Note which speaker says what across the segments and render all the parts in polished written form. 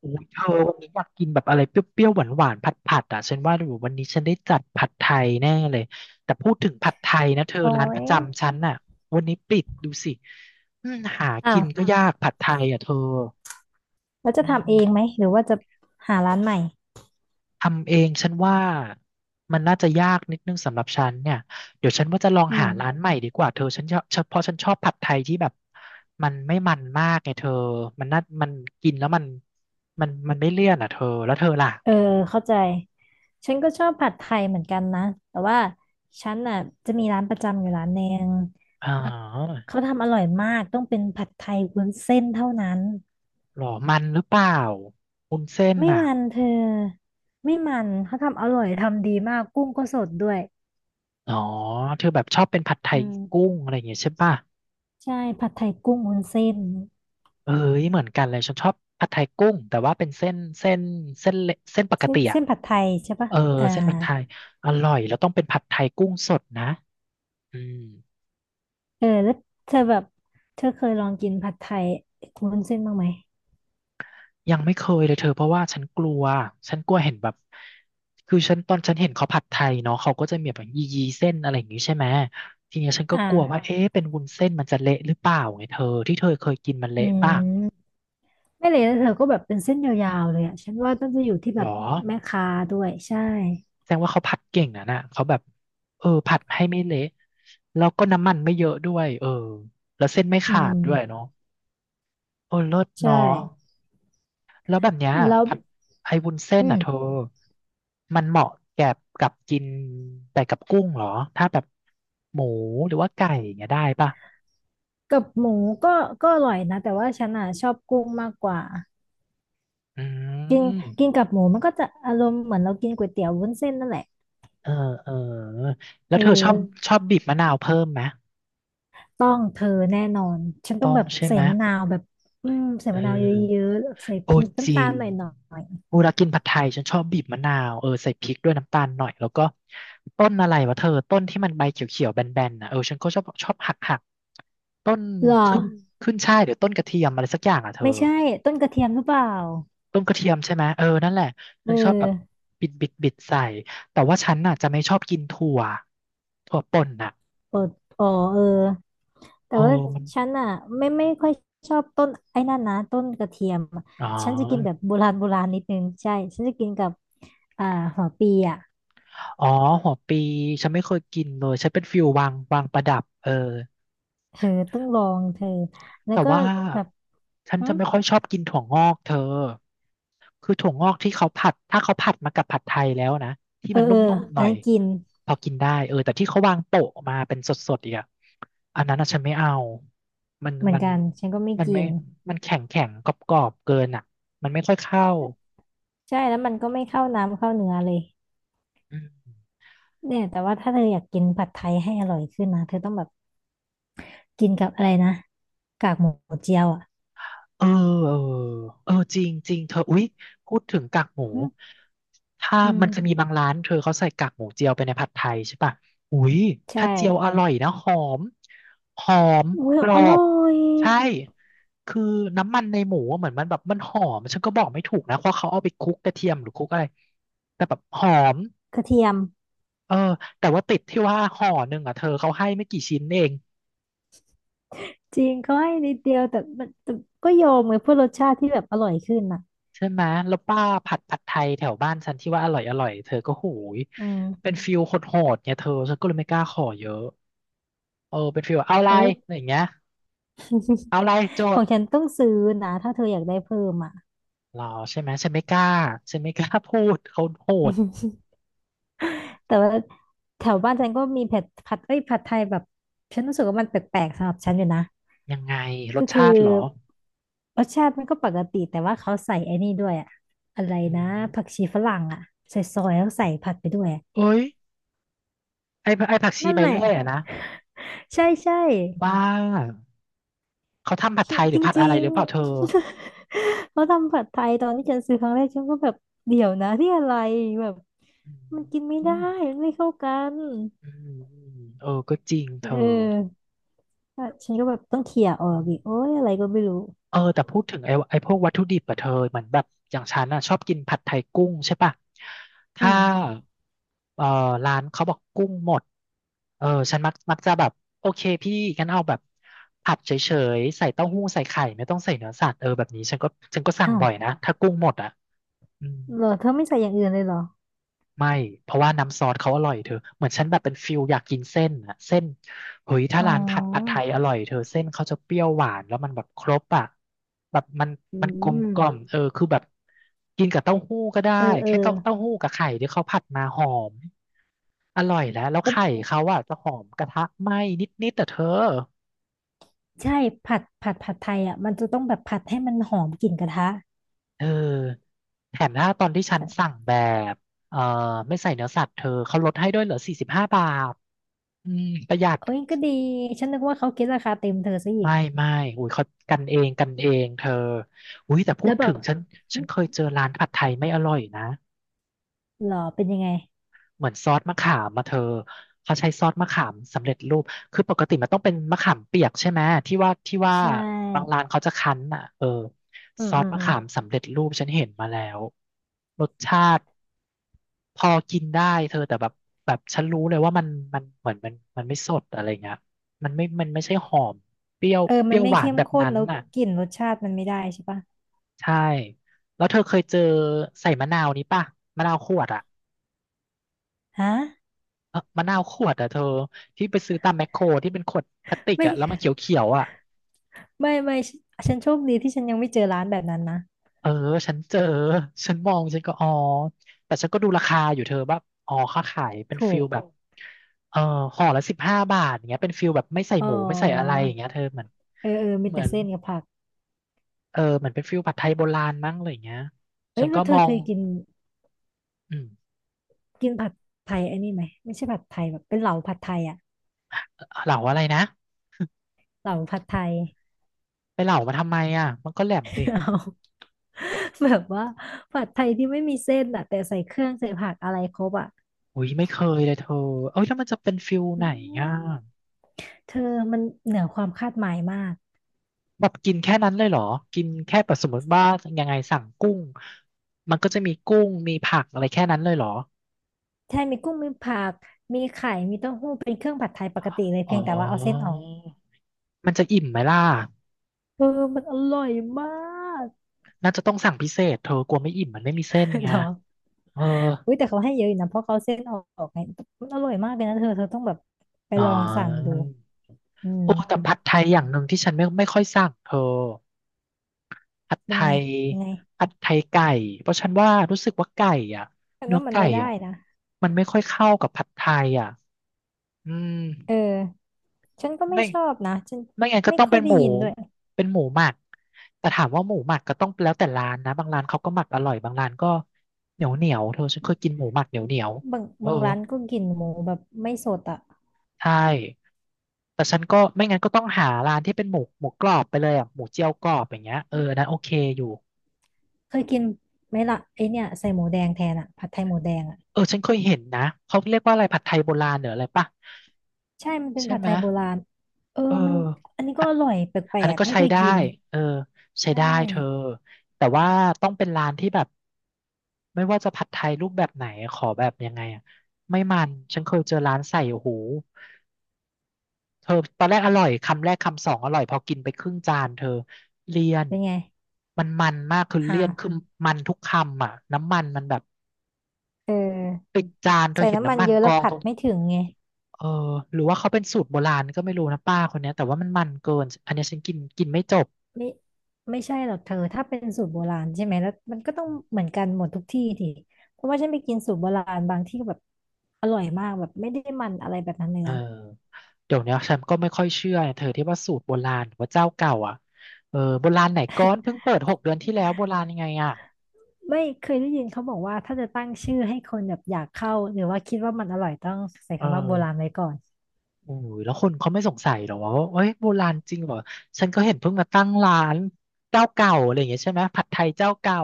Speaker 1: โอ้ยเธอวันนี้อยากกินแบบอะไรเปรี้ยวๆหวานๆผัดๆอ่ะฉันว่าอยู่วันนี้ฉันได้จัดผัดไทยแน่เลยแต่พูดถึงผัดไทยนะเธอ
Speaker 2: โอ้
Speaker 1: ร้านป
Speaker 2: ย
Speaker 1: ระจำฉันน่ะวันนี้ปิดดูสิอืมหา
Speaker 2: อ้า
Speaker 1: กิ
Speaker 2: ว
Speaker 1: นก็้วยากผัดไทยอ่ะเธอ
Speaker 2: แล้วจะ
Speaker 1: อื
Speaker 2: ทำเอ
Speaker 1: ม
Speaker 2: งไหม หรือว่าจะหาร้านใหม่
Speaker 1: ทำเองฉันว่ามันน่าจะยากนิดนึงสำหรับฉันเนี่ยเดี๋ยวฉันว่าจะลอง
Speaker 2: อื
Speaker 1: หาร้าน
Speaker 2: ม
Speaker 1: ใหม่ดีกว่าเธอฉันชอบฉันเพราะฉันชอบผัดไทยที่แบบมันมากไงเธอมันน่ามันกินแล้วมันไม่เลี่ยนอ่ะเธอแล้วเธอล่ะ
Speaker 2: เออเข้าใจ ฉันก็ชอบผัดไทยเหมือนกันนะ แต่ว่าฉันน่ะจะมีร้านประจำอยู่ร้านหนึ่ง
Speaker 1: อ๋อ
Speaker 2: เขาทำอร่อยมากต้องเป็นผัดไทยวุ้นเส้นเท่านั้น
Speaker 1: หรอมันหรือเปล่าวุ้นเส้น
Speaker 2: ไม่
Speaker 1: อ่ะ
Speaker 2: มันเธอไม่มันเขาทำอร่อยทำดีมากกุ้งก็สดด้วย
Speaker 1: อ๋อเธอแบบชอบเป็นผัดไท
Speaker 2: อื
Speaker 1: ยกุ้
Speaker 2: ม
Speaker 1: งอะไรอย่างเงี้ยใช่ป่ะ
Speaker 2: ใช่ ผัดไทยกุ้งวุ้นเส้น
Speaker 1: เอ้ยเหมือนกันเลยฉันชอบผัดไทยกุ้งแต่ว่าเป็นเส้นเล็กเส้นปก
Speaker 2: เส้น
Speaker 1: ติอ่ะ
Speaker 2: ผัดไทยใช่ปะ
Speaker 1: เออ
Speaker 2: อ่า
Speaker 1: เส้นผัดไทยอร่อยแล้วต้องเป็นผัดไทยกุ้งสดนะอืม
Speaker 2: เออแล้วเธอแบบเธอเคยลองกินผัดไทยวุ้นเส้นบ้างไหม
Speaker 1: ยังไม่เคยเลยเธอเพราะว่าฉันกลัวฉันกลัวเห็นแบบคือตอนฉันเห็นเขาผัดไทยเนาะเขาก็จะมีแบบยียีเส้นอะไรอย่างงี้ใช่ไหมทีเนี้ยฉัน
Speaker 2: อ
Speaker 1: ก็กลัวว่า
Speaker 2: ่า
Speaker 1: เอ๊ะเป็นวุ้นเส้นมันจะเละหรือเปล่าไงเธอที่เธอเคยกินมัน
Speaker 2: อื
Speaker 1: เละป่ะ
Speaker 2: มไม่เลยแล้วเธอก็แบบเป็นเส้นยาวๆเลยอ่ะฉันว่าต้องจะอยู่ที่
Speaker 1: ห
Speaker 2: แบ
Speaker 1: ร
Speaker 2: บ
Speaker 1: อ
Speaker 2: แม่ค้าด้วยใช่
Speaker 1: แสดงว่าเขาผัดเก่งนะน่ะเขาแบบเออผัดให้ไม่เละแล้วก็น้ำมันไม่เยอะด้วยเออแล้วเส้นไม่
Speaker 2: อื
Speaker 1: ขาดด้วย
Speaker 2: ม
Speaker 1: เนาะเออเลิศ
Speaker 2: ใช่
Speaker 1: เนาะแล้วแบบเนี้ย
Speaker 2: แล้ว
Speaker 1: ผัดไอ้วุ้นเส้น
Speaker 2: อืม
Speaker 1: อ่ะเธอมันเหมาะแก่กับกินแต่กับกุ้งเหรอถ้าแบบหมูหรือว่าไก่อย่างเงี้ยได้ป่ะ
Speaker 2: กับหมูก็อร่อยนะแต่ว่าฉันอ่ะชอบกุ้งมากกว่า
Speaker 1: อืม
Speaker 2: กินกับหมูมันก็จะอารมณ์เหมือนเรากินก๋วยเตี๋ยววุ้นเส้นนั่นแหละ
Speaker 1: เออเออแล้
Speaker 2: เอ
Speaker 1: วเธอชอบ
Speaker 2: อ
Speaker 1: ชอบบีบมะนาวเพิ่มไหม
Speaker 2: ต้องเธอแน่นอนฉันต้อง
Speaker 1: ต้อง
Speaker 2: แบบ
Speaker 1: ใช่
Speaker 2: ใส่
Speaker 1: ไหม
Speaker 2: มะนาวแบบใส่
Speaker 1: เออ
Speaker 2: มะนาวเยอะๆใส่พ
Speaker 1: โอ้
Speaker 2: ริก
Speaker 1: จ
Speaker 2: น้ำ
Speaker 1: ริ
Speaker 2: ตา
Speaker 1: ง
Speaker 2: ลหน่อย
Speaker 1: กูรักกินผัดไทยฉันชอบบีบมะนาวเออใส่พริกด้วยน้ำตาลหน่อยแล้วก็ต้นอะไรวะเธอต้นที่มันใบเขียวๆแบนๆนะเออฉันก็ชอบหักต้น
Speaker 2: ๆหรอ
Speaker 1: ขึ้นขึ้นช่ายหรือต้นกระเทียมอะไรสักอย่างอ่ะเธอ
Speaker 2: ไม่ใช่ต้นกระเทียมหรือเปล่า
Speaker 1: ต้นกระเทียมใช่ไหมเออนั่นแหละ
Speaker 2: เ
Speaker 1: ฉันชอบแบบ
Speaker 2: ออ
Speaker 1: บิดใส่แต่ว่าฉันน่ะจะไม่ชอบกินถั่วป่นน่ะ
Speaker 2: อดอ๋อเออแต่
Speaker 1: โอ้
Speaker 2: ว่า
Speaker 1: มัน
Speaker 2: ฉันอ่ะไม่ค่อยชอบต้นไอ้นั่นนะต้นกระเทียมอะ
Speaker 1: อ๋
Speaker 2: ฉันจะกินแบ
Speaker 1: อ
Speaker 2: บโบราณโบราณนิดนึงใช่ฉันจะกินกับอ่าหัวปีอ่ะ
Speaker 1: อ๋อหัวปีฉันไม่เคยกินเลยฉันเป็นฟิววางวางประดับเออ
Speaker 2: เธอต้องลองเธอแล้ว
Speaker 1: แต่
Speaker 2: ก็
Speaker 1: ว่า
Speaker 2: แบบ
Speaker 1: ฉัน
Speaker 2: อื
Speaker 1: จะ
Speaker 2: ม
Speaker 1: ไม่ค่อยชอบกินถั่วงอกเธอคือถั่วงอกที่เขาผัดถ้าเขาผัดมากับผัดไทยแล้วนะที่
Speaker 2: เออ
Speaker 1: มัน
Speaker 2: เออ
Speaker 1: นุ่มๆห
Speaker 2: อั
Speaker 1: น่
Speaker 2: น
Speaker 1: อย
Speaker 2: นั้นกิน
Speaker 1: พอกินได้เออแต่ที่เขาวางโปะมาเป็นสดๆอีกอะอันนั้นอะฉันไม่เอามัน
Speaker 2: เหมือ
Speaker 1: มั
Speaker 2: น
Speaker 1: น
Speaker 2: กันฉันก็ไม่
Speaker 1: มัน
Speaker 2: กิ
Speaker 1: ไม่
Speaker 2: น
Speaker 1: มันแข็งแข็งกรอบๆเกินอะมันไม่ค่อยเข้า
Speaker 2: ใช่แล้วมันก็ไม่เข้าน้ำเข้าเนื้อเลย
Speaker 1: อืม
Speaker 2: เนี่ยแต่ว่าถ้าเธออยากกินผัดไทยให้อร่อยขึ้นนะเธอต้องแบบกินกับอะไรนะกากหมูเจียวอ่ะ
Speaker 1: เออเออเออจริงจริงเธออุ๊ยพูดถึงกากหมูถ้า
Speaker 2: อื
Speaker 1: มันจะมี
Speaker 2: ม
Speaker 1: บางร้านเธอเขาใส่กากหมูเจียวไปในผัดไทยใช่ปะอุ๊ย
Speaker 2: ใช่
Speaker 1: ถ้าเจียวอร่อยนะหอม
Speaker 2: อุ้ย
Speaker 1: กร
Speaker 2: อ
Speaker 1: อบ
Speaker 2: ร่อย
Speaker 1: ใช่คือน้ำมันในหมูอะเหมือนมันแบบมันหอมฉันก็บอกไม่ถูกนะเพราะเขาเอาไปคลุกกระเทียมหรือคลุกอะไรแต่แบบหอม
Speaker 2: กระเทียม
Speaker 1: เออแต่ว่าติดที่ว่าห่อหนึ่งอ่ะเธอเขาให้ไม่กี่ชิ้นเอง
Speaker 2: จริงเขาให้นิดเดียวแต่มันแต่ก็โยมไงเพื่อรสชาติที่แบบอร่อยขึ้นอ่ะ
Speaker 1: ใช่ไหมแล้วป้าผัดไทยแถวบ้านฉันที่ว่าอร่อยเธอก็หูย
Speaker 2: อื
Speaker 1: เป็น
Speaker 2: ม
Speaker 1: ฟิลโหดๆเนี่ยเธอฉันก็เลยไม่กล้าขอเยอะ เออเป็นฟิลว่าเอาอะไร
Speaker 2: เอ้ย
Speaker 1: อะไรอย่างเงี้ย เอาอะไรโจ
Speaker 2: ข
Speaker 1: ท
Speaker 2: อง
Speaker 1: ย์
Speaker 2: ฉันต้องซื้อนะถ้าเธออยากได้เพิ่มอ่ะ
Speaker 1: เหรอใช่ไหมฉันไม่กล้าฉันไม่กล้าพูดเขาโหด
Speaker 2: แต่ว่าแถวบ้านฉันก็มีเผ็ดผัดเอ้ยผัดไทยแบบฉันรู้สึกว่ามันแปลกๆสำหรับฉันอยู่นะ
Speaker 1: ยังไงร
Speaker 2: ก็
Speaker 1: ส
Speaker 2: คื
Speaker 1: ชา
Speaker 2: อ
Speaker 1: ติเหรอ
Speaker 2: รสชาติมันก็ปกติแต่ว่าเขาใส่ไอ้นี่ด้วยอะอะไร
Speaker 1: อื
Speaker 2: นะ
Speaker 1: ม
Speaker 2: ผักชีฝรั่งอะใส่ซอยแล้วใส่ผัดไปด้วยอะ
Speaker 1: เอ้ยไอ้ผักชี
Speaker 2: นั่น
Speaker 1: ใบ
Speaker 2: แหละ
Speaker 1: เลื่อยอะนะ
Speaker 2: ใช่ใช่
Speaker 1: บ้าเขาทำผัดไทยหรื
Speaker 2: จ
Speaker 1: อผัดอะ
Speaker 2: ริ
Speaker 1: ไร
Speaker 2: ง
Speaker 1: หรือเปล่าเธอ
Speaker 2: ๆ เขาทำผัดไทยตอนที่ฉันซื้อครั้งแรกฉันก็แบบเดี๋ยวนะที่อะไรแบบมันกินไม่
Speaker 1: อื
Speaker 2: ได้
Speaker 1: ม
Speaker 2: มันไม่เข้ากัน
Speaker 1: อืมอืมเออก็จริง
Speaker 2: เ
Speaker 1: เธอ
Speaker 2: อออ่ะฉันก็แบบต้องเขี่ยร์ออกอีกโอ้ยอะไรก็ไม่รู้
Speaker 1: เออแต่พูดถึงไอ้พวกวัตถุดิบอะเธอเหมือนแบบอย่างฉันอะชอบกินผัดไทยกุ้งใช่ปะ
Speaker 2: อื
Speaker 1: ถ้า
Speaker 2: ม
Speaker 1: เออร้านเขาบอกกุ้งหมดเออฉันมักจะแบบโอเคพี่งั้นเอาแบบผัดเฉยๆใส่เต้าหู้ใส่ไข่ไม่ต้องใส่เนื้อสัตว์เออแบบนี้ฉันก็สั่ง
Speaker 2: อ้าว
Speaker 1: บ่อยนะถ้ากุ้งหมดอะอืม
Speaker 2: เหรอเธอไม่ใส่อย่างอื่นเลยเหรอ
Speaker 1: ไม่ เพราะว่าน้ำซอสเขาอร่อยเธอ เหมือนฉันแบบเป็นฟิลอยากกินเส้นอะเส้นเฮ้ยถ้า
Speaker 2: อ๋อ
Speaker 1: ร้านผัดไทยอร่อยเธอเส้นเขาจะเปรี้ยวหวานแล้วมันแบบครบอะแบบมัน
Speaker 2: อื
Speaker 1: มันกลม
Speaker 2: ม
Speaker 1: กล่อมเออคือแบบกินกับเต้าหู้ก็ได้
Speaker 2: เออเออ
Speaker 1: แค่เต้าหู้กับไข่ที่เขาผัดมาหอมอร่อยแล้วแล้ว
Speaker 2: แล้ว
Speaker 1: ไข่เขาอะจะหอมกระทะไหม้นิดๆแต่เธอ
Speaker 2: ใช่ผัดผัดไทยอ่ะมันจะต้องแบบผัดให้มันหอมกลิ่นกระทะ
Speaker 1: เออแถมถ้าตอนที่ฉันสั่งแบบเอ่อไม่ใส่เนื้อสัตว์เธอเขาลดให้ด้วยเหลือ45 บาทอืมประหยัด
Speaker 2: เอ้ยก็ดีฉันนึกว่าเขาคิดราคาเต็มเธอซะอีก
Speaker 1: ไม่ไม่อุ้ยเขากันเองกันเองเธออุ้ยแต่พู
Speaker 2: แล้
Speaker 1: ด
Speaker 2: วแบ
Speaker 1: ถึ
Speaker 2: บ
Speaker 1: งฉัน
Speaker 2: หึ
Speaker 1: ฉันเคยเจอร้านผัดไทยไม่อร่อยนะ
Speaker 2: หรอเป็นยังไง
Speaker 1: เหมือนซอสมะขามมาเธอเขาใช้ซอสมะขามสำเร็จรูปคือปกติมันต้องเป็นมะขามเปียกใช่ไหมที่ว่า
Speaker 2: ใช
Speaker 1: บาง
Speaker 2: ่
Speaker 1: ร้านเขาจะคั้นอ่ะเออ
Speaker 2: อื
Speaker 1: ซ
Speaker 2: ม
Speaker 1: อส
Speaker 2: อืม
Speaker 1: มะ
Speaker 2: อืม
Speaker 1: ขามสำเร็จรูปฉันเห็นมาแล้วรสชาติพอกินได้เธอแต่แบบแบบฉันรู้เลยว่ามันมันเหมือนมันมันไม่สดอะไรเงี้ยมันไม่ใช่หอมเปรี้ยว
Speaker 2: เออ
Speaker 1: เป
Speaker 2: มั
Speaker 1: รี้
Speaker 2: น
Speaker 1: ยว
Speaker 2: ไม่
Speaker 1: หวา
Speaker 2: เข้
Speaker 1: น
Speaker 2: ม
Speaker 1: แบบ
Speaker 2: ข้น
Speaker 1: นั้น
Speaker 2: แล้ว
Speaker 1: น่ะ
Speaker 2: กลิ่นรสชาติมันไม่ได้ใช่ปะ
Speaker 1: ใช่แล้วเธอเคยเจอใส่มะนาวนี้ป่ะมะนาวขวดอ่ะ
Speaker 2: ฮะ
Speaker 1: เออมะนาวขวดอ่ะเธอที่ไปซื้อตามแมคโครที่เป็นขวดพลาสติก
Speaker 2: ไม่
Speaker 1: อ่ะแล้วมั นเขียวๆอ่ะ
Speaker 2: ไม่ไม่ฉันฉันโชคดีที่ฉันยังไม่เจอร้านแบบนั้นนะ
Speaker 1: เออฉันเจอฉันมองฉันก็อ๋อแต่ฉันก็ดูราคาอยู่เธอแบบอ๋อเขาขายเป็น
Speaker 2: ถู
Speaker 1: ฟิ
Speaker 2: ก
Speaker 1: ลแบบเออห่อละสิบห้าบาทอย่างเงี้ยเป็นฟิลแบบไม่ใส่
Speaker 2: อ๋อ
Speaker 1: หมูไม่ใส่อะไรอย่างเงี้ยเธอเหมือน
Speaker 2: เออเออมี
Speaker 1: เหมื
Speaker 2: แต่
Speaker 1: อน
Speaker 2: เส้นกับผัก
Speaker 1: เออเหมือนเป็นฟิลผัดไทยโบราณมั้งอะไรอย่างเงี้ย
Speaker 2: เอ้
Speaker 1: ฉั
Speaker 2: ย
Speaker 1: น
Speaker 2: แล้
Speaker 1: ก็
Speaker 2: วเธ
Speaker 1: ม
Speaker 2: อ
Speaker 1: อ
Speaker 2: เค
Speaker 1: ง
Speaker 2: ยกิน
Speaker 1: อืม
Speaker 2: กินผัดไทยไอ้นี่ไหมไม่ใช่ผัดไทยแบบเป็นเหลาผัดไทยอะ
Speaker 1: เหล่าอะไรนะ
Speaker 2: เหลาผัดไทย
Speaker 1: ไปเหล่ามาทำไมอ่ะมันก็แหลมดิ
Speaker 2: เอาแบบว่าผัดไทยที่ไม่มีเส้นอะแต่ใส่เครื่องใส่ผักอะไรครบอะ
Speaker 1: อุ้ยไม่เคยเลยเธอเอ้ยแล้วมันจะเป็นฟิล
Speaker 2: อื
Speaker 1: ไหนอ่ะ
Speaker 2: มเธอมันเหนือความคาดหมายมาก
Speaker 1: แบบกินแค่นั้นเลยเหรอกินแค่แบบสมมติว่ายังไงสั่งกุ้งมันก็จะมีกุ้งมีผักอะไรแค่นั้นเลยเหรอ
Speaker 2: ใช่มีกุ้งมีผัก มีเต้าหู้เป็นเครื่องผัดไทยปกติเลย
Speaker 1: อ๋อ
Speaker 2: เพียงแต่ว่าเอาเส้นออก
Speaker 1: มันจะอิ่มไหมล่ะ
Speaker 2: เออมันอร่อยมาก
Speaker 1: น่าจะต้องสั่งพิเศษเธอกลัวไม่อิ่มมันไม่มีเส้น ไง
Speaker 2: เหรอ
Speaker 1: เออ
Speaker 2: อุ้ยแต่เขาให้เยอะอยู่นะเพราะเขาเอาเส้นออกไงมันอร่อยมากเลยนะเธอเธอต้องแบบไป
Speaker 1: อ๋อ
Speaker 2: ลองสั่งดูอืม
Speaker 1: โอ้แต่ผัดไทยอย่างหนึ่งที่ฉันไม่ค่อยสั่งเธอผัดไท
Speaker 2: เป็นไง
Speaker 1: ย
Speaker 2: ยังไง
Speaker 1: ผัดไทยไก่เพราะฉันว่ารู้สึกว่าไก่อ่ะ
Speaker 2: ฉัน
Speaker 1: เนื้อ
Speaker 2: ว่ามัน
Speaker 1: ไก่
Speaker 2: ไม่ได้
Speaker 1: อ่ะ
Speaker 2: นะ
Speaker 1: มันไม่ค่อยเข้ากับผัดไทยอ่ะ อืม
Speaker 2: เออฉันก็ไม่
Speaker 1: ไม่
Speaker 2: ชอบนะฉัน
Speaker 1: ไม่งั้นก็
Speaker 2: ไม่
Speaker 1: ต้อง
Speaker 2: ค่อ
Speaker 1: เป็
Speaker 2: ย
Speaker 1: นห
Speaker 2: ได้
Speaker 1: มู
Speaker 2: ยินด้วย
Speaker 1: เป็นหมูหมักแต่ถามว่าหมูหมักก็ต้องแล้วแต่ร้านนะบางร้านเขาก็หมักอร่อยบางร้านก็เหนียวเหนียวเธอฉันเคยกินหมูหมักเหนียวเหนียว
Speaker 2: บาง
Speaker 1: เออ
Speaker 2: บางร้านก็กินหมูแบบไม่สดอ่ะ
Speaker 1: ใช่แต่ฉันก็ไม่งั้นก็ต้องหาร้านที่เป็นหมูกรอบไปเลยอ่ะหมูเจียวกรอบอย่างเงี้ยเอออันนั้นโอเคอยู่
Speaker 2: เคยกินไหมล่ะไอเนี่ยใส่หมูแดงแทนอ่ะผัดไทยหมูแดงอะ
Speaker 1: เออฉันเคยเห็นนะเขาเรียกว่าอะไรผัดไทยโบราณหรืออะไรป่ะ
Speaker 2: ใช่มันเป็น
Speaker 1: ใช่
Speaker 2: ผัด
Speaker 1: ไห
Speaker 2: ไท
Speaker 1: ม
Speaker 2: ยโบราณเออ
Speaker 1: เออ
Speaker 2: มันอันนี้ก็อร่อยแป
Speaker 1: อั
Speaker 2: ล
Speaker 1: นนั้น
Speaker 2: ก
Speaker 1: ก็
Speaker 2: ๆ ไม่
Speaker 1: ใช้
Speaker 2: เคย
Speaker 1: ได้
Speaker 2: กิน
Speaker 1: เออใช้
Speaker 2: ใช่
Speaker 1: ได้เธอแต่ว่าต้องเป็นร้านที่แบบไม่ว่าจะผัดไทยรูปแบบไหนขอแบบยังไงอะไม่มันฉันเคยเจอร้านใส่โอ้โหเธอตอนแรกอร่อยคำแรกคำสองอร่อยพอกินไปครึ่งจานเธอเลี่ยน
Speaker 2: เป็นไง
Speaker 1: มันมากคือ
Speaker 2: อ่า
Speaker 1: เลี่ย
Speaker 2: ว
Speaker 1: นคือมันทุกคำอ่ะน้ำมันมันแบบ
Speaker 2: เออ
Speaker 1: เป็นจานเธอ
Speaker 2: ใส่
Speaker 1: เห็น
Speaker 2: น้ำมัน
Speaker 1: น้ำมัน
Speaker 2: เยอะ
Speaker 1: ก
Speaker 2: แล้ว
Speaker 1: อง
Speaker 2: ผั
Speaker 1: ตร
Speaker 2: ด
Speaker 1: ง
Speaker 2: ไม่ถึงไง
Speaker 1: เออหรือว่าเขาเป็นสูตรโบราณก็ไม่รู้นะป้าคนเนี้ยแต่ว่ามันมันเกินอันเนี้ยฉันกินกินไม่จบ
Speaker 2: ไม่ไม่ใช่หรอกเธอถ้าเป็นสูตรโบราณใช่ไหมแล้วมันก็ต้องเหมือนกันหมดทุกที่ทีเพราะว่าฉันไปกินสูตรโบราณบางที่ก็แบบอร่อยมากแบบไม่ได้มันอะไรแบบนั้นเลย
Speaker 1: เออ
Speaker 2: นะ
Speaker 1: เดี๋ยวเนี้ยฉันก็ไม่ค่อยเชื่อเธอที่ว่าสูตรโบราณหรือว่าเจ้าเก่าอ่ะเออโบราณไหนก้อนเพิ่งเปิด6 เดือนที่แล้วโบราณยังไงอ่ะ
Speaker 2: ไม่เคยได้ยินเขาบอกว่าถ้าจะตั้งชื่อให้คนแบบอยากเข้าหรือว่าคิดว่ามันอร่อยต้องใส่
Speaker 1: เออ
Speaker 2: คำว่าโบราณไว้ก่อน
Speaker 1: โอ้ยแล้วคนเขาไม่สงสัยหรอว่าเอ้ยโบราณจริงเหรอฉันก็เห็นเพิ่งมาตั้งร้านเจ้าเก่าอะไรอย่างเงี้ยใช่ไหมผัดไทยเจ้าเก่า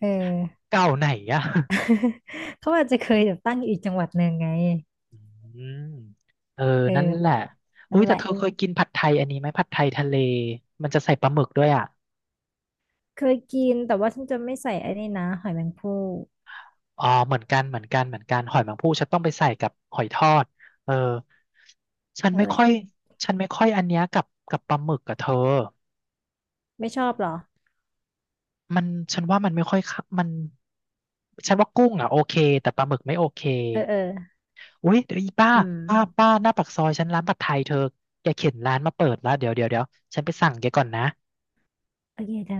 Speaker 2: เออ
Speaker 1: เก่าไหนอ่ะ
Speaker 2: เขาอาจจะเคยแบบตั้งอยู่อีกจังหวัดหนึ่งไง
Speaker 1: อืมเออ
Speaker 2: เออ
Speaker 1: นั่นแหละอุ้
Speaker 2: นั่
Speaker 1: ย
Speaker 2: นแห
Speaker 1: แต่
Speaker 2: ละ
Speaker 1: เธอเคยกินผัดไทยอันนี้ไหมผัดไทยทะเลมันจะใส่ปลาหมึกด้วยอ่ะ
Speaker 2: เคยกินแต่ว่าฉันจะไม่ใส่ไอ้นี่นะหอยแมงภู่
Speaker 1: อ๋อเหมือนกันเหมือนกันเหมือนกันหอยแมงภู่ฉันต้องไปใส่กับหอยทอดเออฉัน
Speaker 2: นั่
Speaker 1: ไม่
Speaker 2: นแห
Speaker 1: ค่
Speaker 2: ละ
Speaker 1: อยฉันไม่ค่อยอันเนี้ยกับปลาหมึกกับเธอ
Speaker 2: ไม่ชอบเหรอ
Speaker 1: มันฉันว่ามันไม่ค่อยเข้ามันฉันว่ากุ้งอ่ะโอเคแต่ปลาหมึกไม่โอเค
Speaker 2: เออเออ
Speaker 1: อุ้ยเดี๋ยวอีป้า
Speaker 2: อืม
Speaker 1: ป้าหน้าปากซอยฉันร้านผัดไทยเธอแกเข็นร้านมาเปิดแล้วเดี๋ยวฉันไปสั่งแกก่อนนะ
Speaker 2: โอเคเธอ